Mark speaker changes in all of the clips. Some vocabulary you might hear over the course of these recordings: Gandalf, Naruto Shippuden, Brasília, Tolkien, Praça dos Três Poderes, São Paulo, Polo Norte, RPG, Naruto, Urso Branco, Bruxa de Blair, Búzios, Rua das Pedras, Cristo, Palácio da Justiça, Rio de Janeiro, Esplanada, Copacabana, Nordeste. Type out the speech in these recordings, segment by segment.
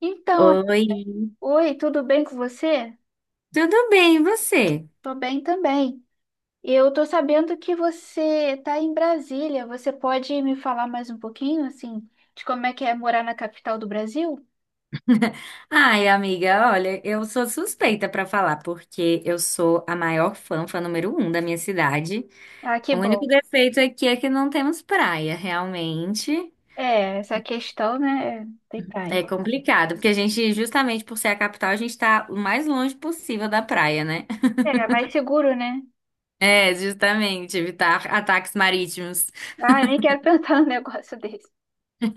Speaker 1: Então,
Speaker 2: Oi,
Speaker 1: oi, tudo bem com você?
Speaker 2: tudo bem, e você?
Speaker 1: Tô bem também. Eu tô sabendo que você tá em Brasília. Você pode me falar mais um pouquinho, assim, de como é que é morar na capital do Brasil?
Speaker 2: Ai, amiga, olha, eu sou suspeita pra falar, porque eu sou a maior fã número um da minha cidade.
Speaker 1: Ah, que
Speaker 2: O único
Speaker 1: bom.
Speaker 2: defeito aqui é que não temos praia, realmente.
Speaker 1: É, essa questão, né? É, tem
Speaker 2: É
Speaker 1: praia.
Speaker 2: complicado, porque a gente, justamente por ser a capital, a gente tá o mais longe possível da praia, né?
Speaker 1: É, mais seguro, né?
Speaker 2: É, justamente, evitar ataques marítimos.
Speaker 1: Ah, eu nem quero pensar num negócio desse.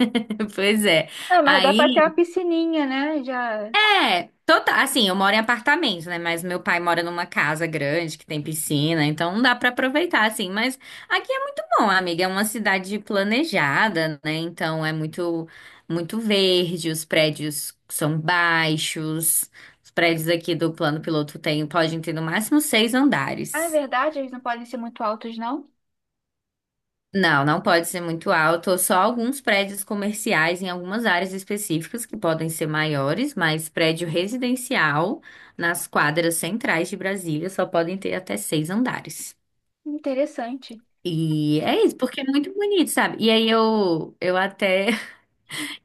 Speaker 2: Pois é.
Speaker 1: Ah, mas dá pra ter uma
Speaker 2: Aí
Speaker 1: piscininha, né? Já.
Speaker 2: é, total. Assim, eu moro em apartamento, né? Mas meu pai mora numa casa grande que tem piscina, então não dá pra aproveitar, assim. Mas aqui é muito bom, amiga. É uma cidade planejada, né? Então é muito verde, os prédios são baixos. Os prédios aqui do plano piloto tem, podem ter no máximo seis
Speaker 1: Ah, é
Speaker 2: andares.
Speaker 1: verdade, eles não podem ser muito altos, não?
Speaker 2: Não, não pode ser muito alto. Só alguns prédios comerciais em algumas áreas específicas que podem ser maiores, mas prédio residencial nas quadras centrais de Brasília só podem ter até seis andares.
Speaker 1: Interessante.
Speaker 2: E é isso, porque é muito bonito, sabe? E aí eu até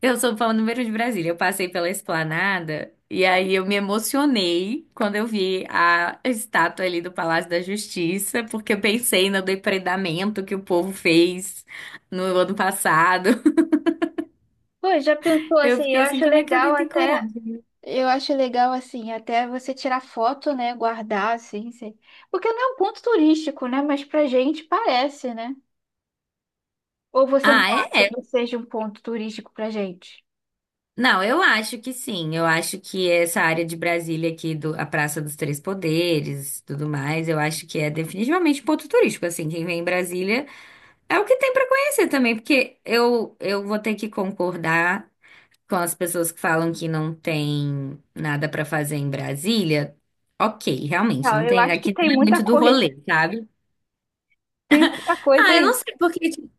Speaker 2: eu sou fã número um de Brasília. Eu passei pela Esplanada e aí eu me emocionei quando eu vi a estátua ali do Palácio da Justiça, porque eu pensei no depredamento que o povo fez no ano passado.
Speaker 1: Pô, já pensou
Speaker 2: Eu
Speaker 1: assim?
Speaker 2: fiquei
Speaker 1: Eu
Speaker 2: assim,
Speaker 1: acho
Speaker 2: como é que
Speaker 1: legal
Speaker 2: alguém tem
Speaker 1: até.
Speaker 2: coragem?
Speaker 1: Eu acho legal, assim, até você tirar foto, né? Guardar, assim, porque não é um ponto turístico, né? Mas pra gente parece, né? Ou você não
Speaker 2: Ah, é?
Speaker 1: acha
Speaker 2: É.
Speaker 1: que seja um ponto turístico pra gente?
Speaker 2: Não, eu acho que sim. Eu acho que essa área de Brasília aqui, do, a Praça dos Três Poderes, tudo mais, eu acho que é definitivamente um ponto turístico. Assim, quem vem em Brasília é o que tem pra conhecer também, porque eu vou ter que concordar com as pessoas que falam que não tem nada pra fazer em Brasília. Ok, realmente,
Speaker 1: Não,
Speaker 2: não
Speaker 1: eu
Speaker 2: tem,
Speaker 1: acho que
Speaker 2: aqui
Speaker 1: tem
Speaker 2: não é
Speaker 1: muita
Speaker 2: muito do
Speaker 1: coisa,
Speaker 2: rolê, sabe?
Speaker 1: tem muita coisa
Speaker 2: Ah, eu
Speaker 1: aí.
Speaker 2: não sei, porque tipo,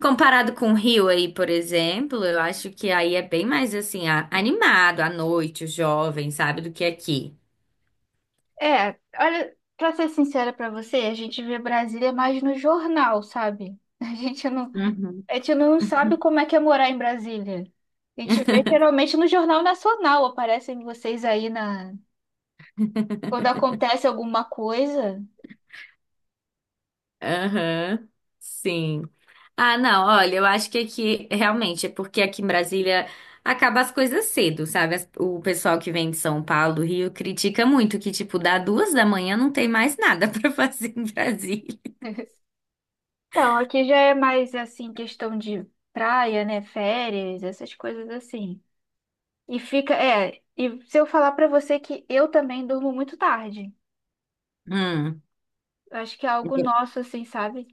Speaker 2: comparado com o Rio aí, por exemplo, eu acho que aí é bem mais assim, animado à noite, o jovem, sabe, do que aqui.
Speaker 1: É, olha, pra ser sincera pra você, a gente vê Brasília mais no jornal, sabe? A gente não,
Speaker 2: Uhum.
Speaker 1: a gente não sabe como é que é morar em Brasília. A gente vê geralmente no Jornal Nacional, aparecem vocês aí na, quando acontece alguma coisa.
Speaker 2: Aham, sim. Ah, não, olha, eu acho que aqui, realmente, é porque aqui em Brasília acaba as coisas cedo, sabe? O pessoal que vem de São Paulo, Rio, critica muito que, tipo, dá duas da manhã não tem mais nada pra fazer em Brasília.
Speaker 1: Então, aqui já é mais assim, questão de praia, né? Férias, essas coisas assim. E fica, é, e se eu falar pra você que eu também durmo muito tarde.
Speaker 2: Hum.
Speaker 1: Eu acho que é algo nosso, assim, sabe?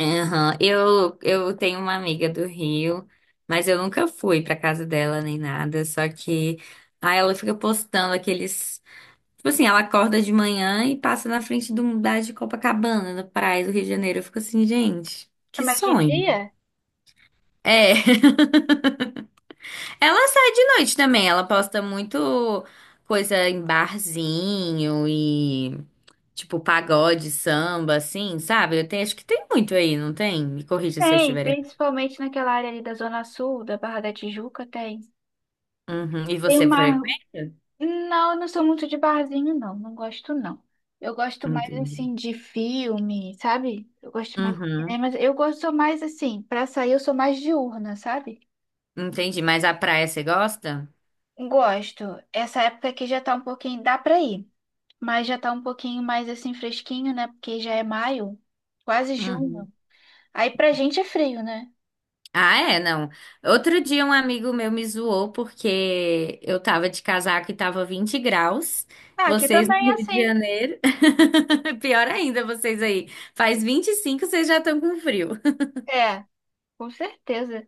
Speaker 2: Aham. Eu tenho uma amiga do Rio, mas eu nunca fui pra casa dela nem nada, só que aí ela fica postando aqueles. Tipo assim, ela acorda de manhã e passa na frente do da de Copacabana, na praia do Rio de Janeiro. Eu fico assim, gente,
Speaker 1: É,
Speaker 2: que
Speaker 1: mas de
Speaker 2: sonho.
Speaker 1: dia?
Speaker 2: É, ela sai de noite também, ela posta muito coisa em barzinho e tipo pagode, samba, assim, sabe? Eu tenho, acho que tem muito aí, não tem? Me corrija se eu
Speaker 1: Tem,
Speaker 2: estiver errado.
Speaker 1: principalmente naquela área ali da Zona Sul, da Barra da Tijuca, tem.
Speaker 2: Uhum. E
Speaker 1: Tem
Speaker 2: você
Speaker 1: uma.
Speaker 2: frequenta?
Speaker 1: Não, eu não sou muito de barzinho, não. Não gosto, não. Eu gosto mais
Speaker 2: Entendi.
Speaker 1: assim de filme, sabe? Eu gosto mais de
Speaker 2: Uhum.
Speaker 1: cinema. Eu gosto sou mais assim, pra sair eu sou mais diurna, sabe?
Speaker 2: Entendi, mas a praia você gosta?
Speaker 1: Gosto. Essa época aqui já tá um pouquinho, dá pra ir, mas já tá um pouquinho mais assim fresquinho, né? Porque já é maio, quase junho.
Speaker 2: Uhum.
Speaker 1: Aí pra gente é frio, né?
Speaker 2: Ah, é, não. Outro dia um amigo meu me zoou porque eu tava de casaco e tava 20 graus.
Speaker 1: Ah, aqui
Speaker 2: Vocês no
Speaker 1: também é
Speaker 2: Rio de
Speaker 1: assim.
Speaker 2: Janeiro. Pior ainda, vocês aí. Faz 25 vocês já estão com frio.
Speaker 1: É, com certeza.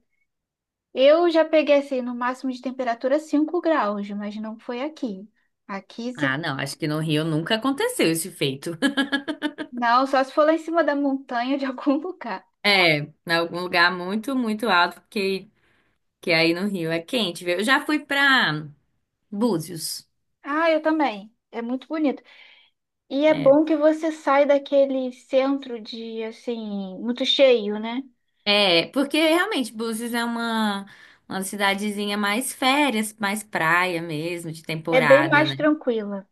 Speaker 1: Eu já peguei assim, no máximo de temperatura 5 graus, mas não foi aqui. Aqui, se...
Speaker 2: Ah, não, acho que no Rio nunca aconteceu esse feito.
Speaker 1: Não, só se for lá em cima da montanha de algum lugar.
Speaker 2: É, em algum lugar muito alto, porque que aí no Rio é quente, viu? Eu já fui pra Búzios.
Speaker 1: Ah, eu também. É muito bonito. E é
Speaker 2: É,
Speaker 1: bom que você sai daquele centro de, assim, muito cheio, né?
Speaker 2: é, porque realmente Búzios é uma cidadezinha mais férias, mais praia mesmo, de
Speaker 1: É bem
Speaker 2: temporada,
Speaker 1: mais
Speaker 2: né?
Speaker 1: tranquila.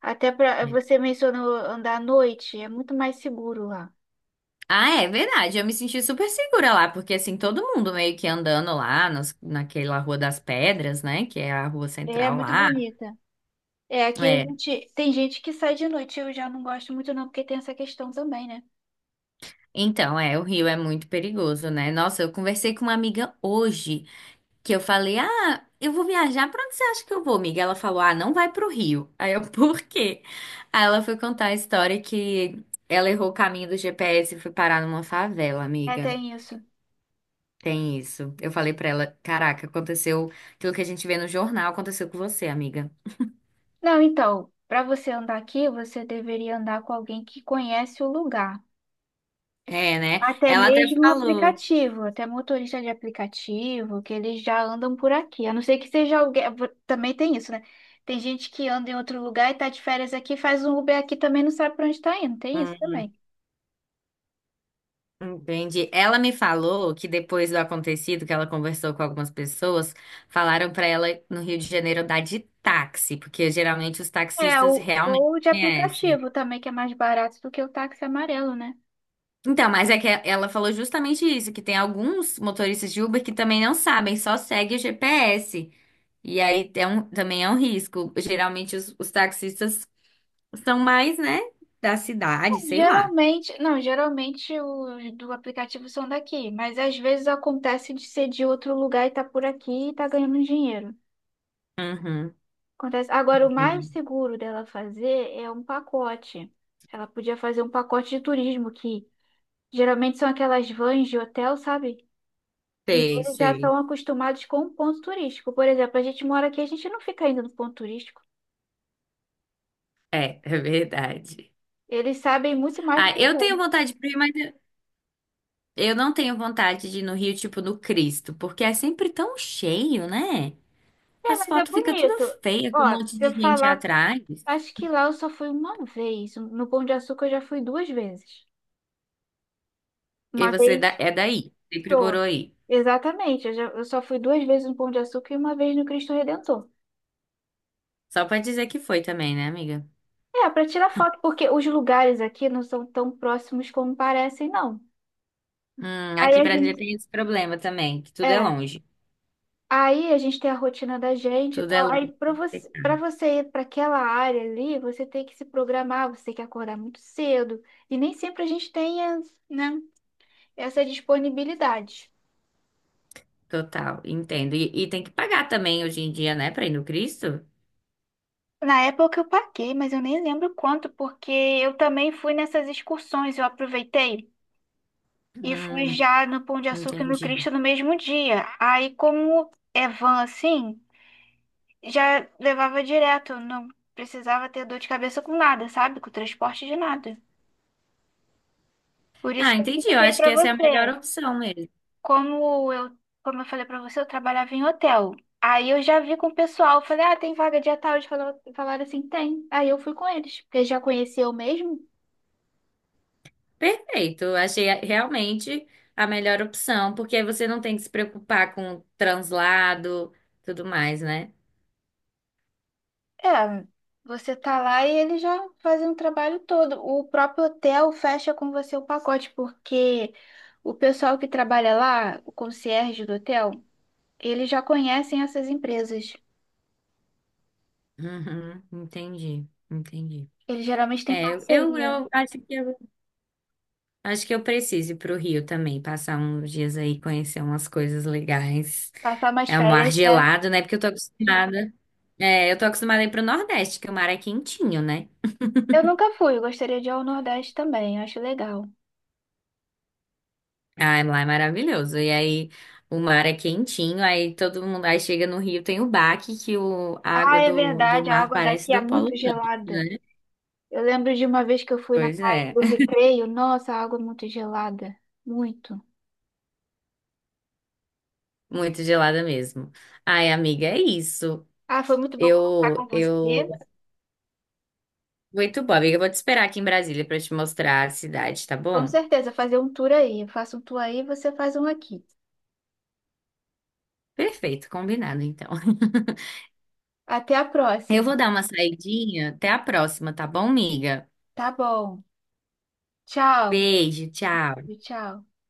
Speaker 1: Até para
Speaker 2: É.
Speaker 1: você mencionou andar à noite, é muito mais seguro lá.
Speaker 2: Ah, é verdade. Eu me senti super segura lá, porque assim, todo mundo meio que andando lá nas, naquela Rua das Pedras, né? Que é a rua
Speaker 1: É
Speaker 2: central
Speaker 1: muito
Speaker 2: lá.
Speaker 1: bonita. É, aqui a
Speaker 2: É.
Speaker 1: gente tem gente que sai de noite, eu já não gosto muito não, porque tem essa questão também, né?
Speaker 2: Então, é, o Rio é muito perigoso, né? Nossa, eu conversei com uma amiga hoje. Que eu falei, ah, eu vou viajar, pra onde você acha que eu vou, amiga? Ela falou, ah, não vai pro Rio. Aí eu, por quê? Aí ela foi contar a história que ela errou o caminho do GPS e foi parar numa favela,
Speaker 1: É,
Speaker 2: amiga.
Speaker 1: tem isso.
Speaker 2: Tem isso. Eu falei pra ela, caraca, aconteceu aquilo que a gente vê no jornal, aconteceu com você, amiga.
Speaker 1: Não, então, para você andar aqui, você deveria andar com alguém que conhece o lugar.
Speaker 2: É, né?
Speaker 1: Até
Speaker 2: Ela até
Speaker 1: mesmo um
Speaker 2: falou.
Speaker 1: aplicativo, até motorista de aplicativo, que eles já andam por aqui. A não ser que seja alguém. Também tem isso, né? Tem gente que anda em outro lugar e tá de férias aqui, faz um Uber aqui também não sabe pra onde tá indo. Tem
Speaker 2: Hum,
Speaker 1: isso também.
Speaker 2: entendi. Ela me falou que depois do acontecido, que ela conversou com algumas pessoas, falaram pra ela no Rio de Janeiro dar de táxi, porque geralmente os
Speaker 1: É,
Speaker 2: taxistas
Speaker 1: o,
Speaker 2: realmente
Speaker 1: ou de
Speaker 2: conhecem.
Speaker 1: aplicativo também, que é mais barato do que o táxi amarelo, né?
Speaker 2: Então, mas é que ela falou justamente isso, que tem alguns motoristas de Uber que também não sabem, só segue o GPS. E aí é também é um risco. Geralmente os taxistas são mais, né, da cidade, sei lá.
Speaker 1: Geralmente, não, geralmente os do aplicativo são daqui, mas às vezes acontece de ser de outro lugar e tá por aqui e tá ganhando dinheiro.
Speaker 2: Uhum.
Speaker 1: Acontece. Agora, o mais
Speaker 2: Sim.
Speaker 1: seguro dela fazer é um pacote. Ela podia fazer um pacote de turismo, que geralmente são aquelas vans de hotel, sabe? E
Speaker 2: Sei,
Speaker 1: eles já
Speaker 2: sei.
Speaker 1: estão acostumados com o ponto turístico. Por exemplo, a gente mora aqui, a gente não fica indo no ponto turístico.
Speaker 2: É, é verdade.
Speaker 1: Eles sabem muito mais do
Speaker 2: Ah,
Speaker 1: que
Speaker 2: eu
Speaker 1: a
Speaker 2: tenho
Speaker 1: gente.
Speaker 2: vontade de ir, mas eu não tenho vontade de ir no Rio, tipo no Cristo, porque é sempre tão cheio, né?
Speaker 1: É,
Speaker 2: As
Speaker 1: mas é
Speaker 2: fotos ficam tudo
Speaker 1: bonito.
Speaker 2: feia, com um
Speaker 1: Ó,
Speaker 2: monte
Speaker 1: se eu
Speaker 2: de gente
Speaker 1: falar,
Speaker 2: atrás.
Speaker 1: acho que lá eu só fui uma vez. No Pão de Açúcar eu já fui duas vezes.
Speaker 2: E
Speaker 1: Uma
Speaker 2: você
Speaker 1: vez
Speaker 2: é daí, sempre
Speaker 1: só.
Speaker 2: morou aí.
Speaker 1: Exatamente, eu, eu só fui duas vezes no Pão de Açúcar e uma vez no Cristo Redentor.
Speaker 2: Só pra dizer que foi também, né, amiga?
Speaker 1: É, para tirar foto, porque os lugares aqui não são tão próximos como parecem, não. Aí
Speaker 2: Aqui em
Speaker 1: a
Speaker 2: Brasília
Speaker 1: gente,
Speaker 2: tem esse problema também, que tudo é
Speaker 1: é,
Speaker 2: longe.
Speaker 1: aí a gente tem a rotina da gente e
Speaker 2: Tudo é
Speaker 1: tal.
Speaker 2: longe.
Speaker 1: Para você ir para aquela área ali, você tem que se programar, você tem que acordar muito cedo. E nem sempre a gente tem, né, essa disponibilidade.
Speaker 2: Total, entendo. E tem que pagar também hoje em dia, né, pra ir no Cristo?
Speaker 1: Na época eu paguei, mas eu nem lembro quanto, porque eu também fui nessas excursões, eu aproveitei e fui
Speaker 2: Hum,
Speaker 1: já no Pão de Açúcar e no
Speaker 2: entendi.
Speaker 1: Cristo no mesmo dia. Aí como é van assim, já levava direto, não precisava ter dor de cabeça com nada, sabe? Com transporte de nada. Por isso
Speaker 2: Ah,
Speaker 1: que eu não
Speaker 2: entendi. Eu
Speaker 1: toquei
Speaker 2: acho
Speaker 1: pra
Speaker 2: que essa é a melhor
Speaker 1: você.
Speaker 2: opção mesmo.
Speaker 1: Como eu, como eu falei pra você, eu trabalhava em hotel. Aí eu já vi com o pessoal, falei, ah, tem vaga dia tal, eles falaram, assim, tem. Aí eu fui com eles, porque já conhecia eu mesmo.
Speaker 2: Perfeito, eu achei realmente a melhor opção, porque aí você não tem que se preocupar com translado, tudo mais, né?
Speaker 1: É, você tá lá e eles já fazem um trabalho todo. O próprio hotel fecha com você o pacote, porque o pessoal que trabalha lá, o concierge do hotel, eles já conhecem essas empresas.
Speaker 2: Uhum, entendi, entendi.
Speaker 1: Eles geralmente têm
Speaker 2: É, eu, eu,
Speaker 1: parceria, né?
Speaker 2: eu acho que eu, acho que eu preciso ir pro Rio também, passar uns dias aí, conhecer umas coisas legais.
Speaker 1: Passar mais
Speaker 2: É um mar
Speaker 1: férias, né?
Speaker 2: gelado, né? Porque eu tô acostumada. É, eu tô acostumada a ir pro Nordeste, que o mar é quentinho, né?
Speaker 1: Eu nunca fui, eu gostaria de ir ao Nordeste também, acho legal.
Speaker 2: Ai, lá é maravilhoso. E aí o mar é quentinho, aí todo mundo aí chega no Rio, tem o baque que a
Speaker 1: Ah,
Speaker 2: água
Speaker 1: é
Speaker 2: do
Speaker 1: verdade, a
Speaker 2: mar
Speaker 1: água
Speaker 2: parece
Speaker 1: daqui é
Speaker 2: do Polo
Speaker 1: muito
Speaker 2: Norte,
Speaker 1: gelada.
Speaker 2: né?
Speaker 1: Eu lembro de uma vez que eu fui na
Speaker 2: Pois
Speaker 1: praia
Speaker 2: é,
Speaker 1: do Recreio, nossa, a água é muito gelada, muito.
Speaker 2: muito gelada mesmo. Ai, amiga, é isso.
Speaker 1: Ah, foi muito bom conversar
Speaker 2: Eu,
Speaker 1: com
Speaker 2: eu,
Speaker 1: você.
Speaker 2: muito bom, amiga. Eu vou te esperar aqui em Brasília para te mostrar a cidade, tá
Speaker 1: Com
Speaker 2: bom?
Speaker 1: certeza, fazer um tour aí. Eu faço um tour aí, você faz um aqui.
Speaker 2: Perfeito, combinado então.
Speaker 1: Até a
Speaker 2: Eu
Speaker 1: próxima.
Speaker 2: vou dar uma saidinha. Até a próxima, tá bom, amiga?
Speaker 1: Tá bom. Tchau.
Speaker 2: Beijo, tchau.
Speaker 1: Tchau.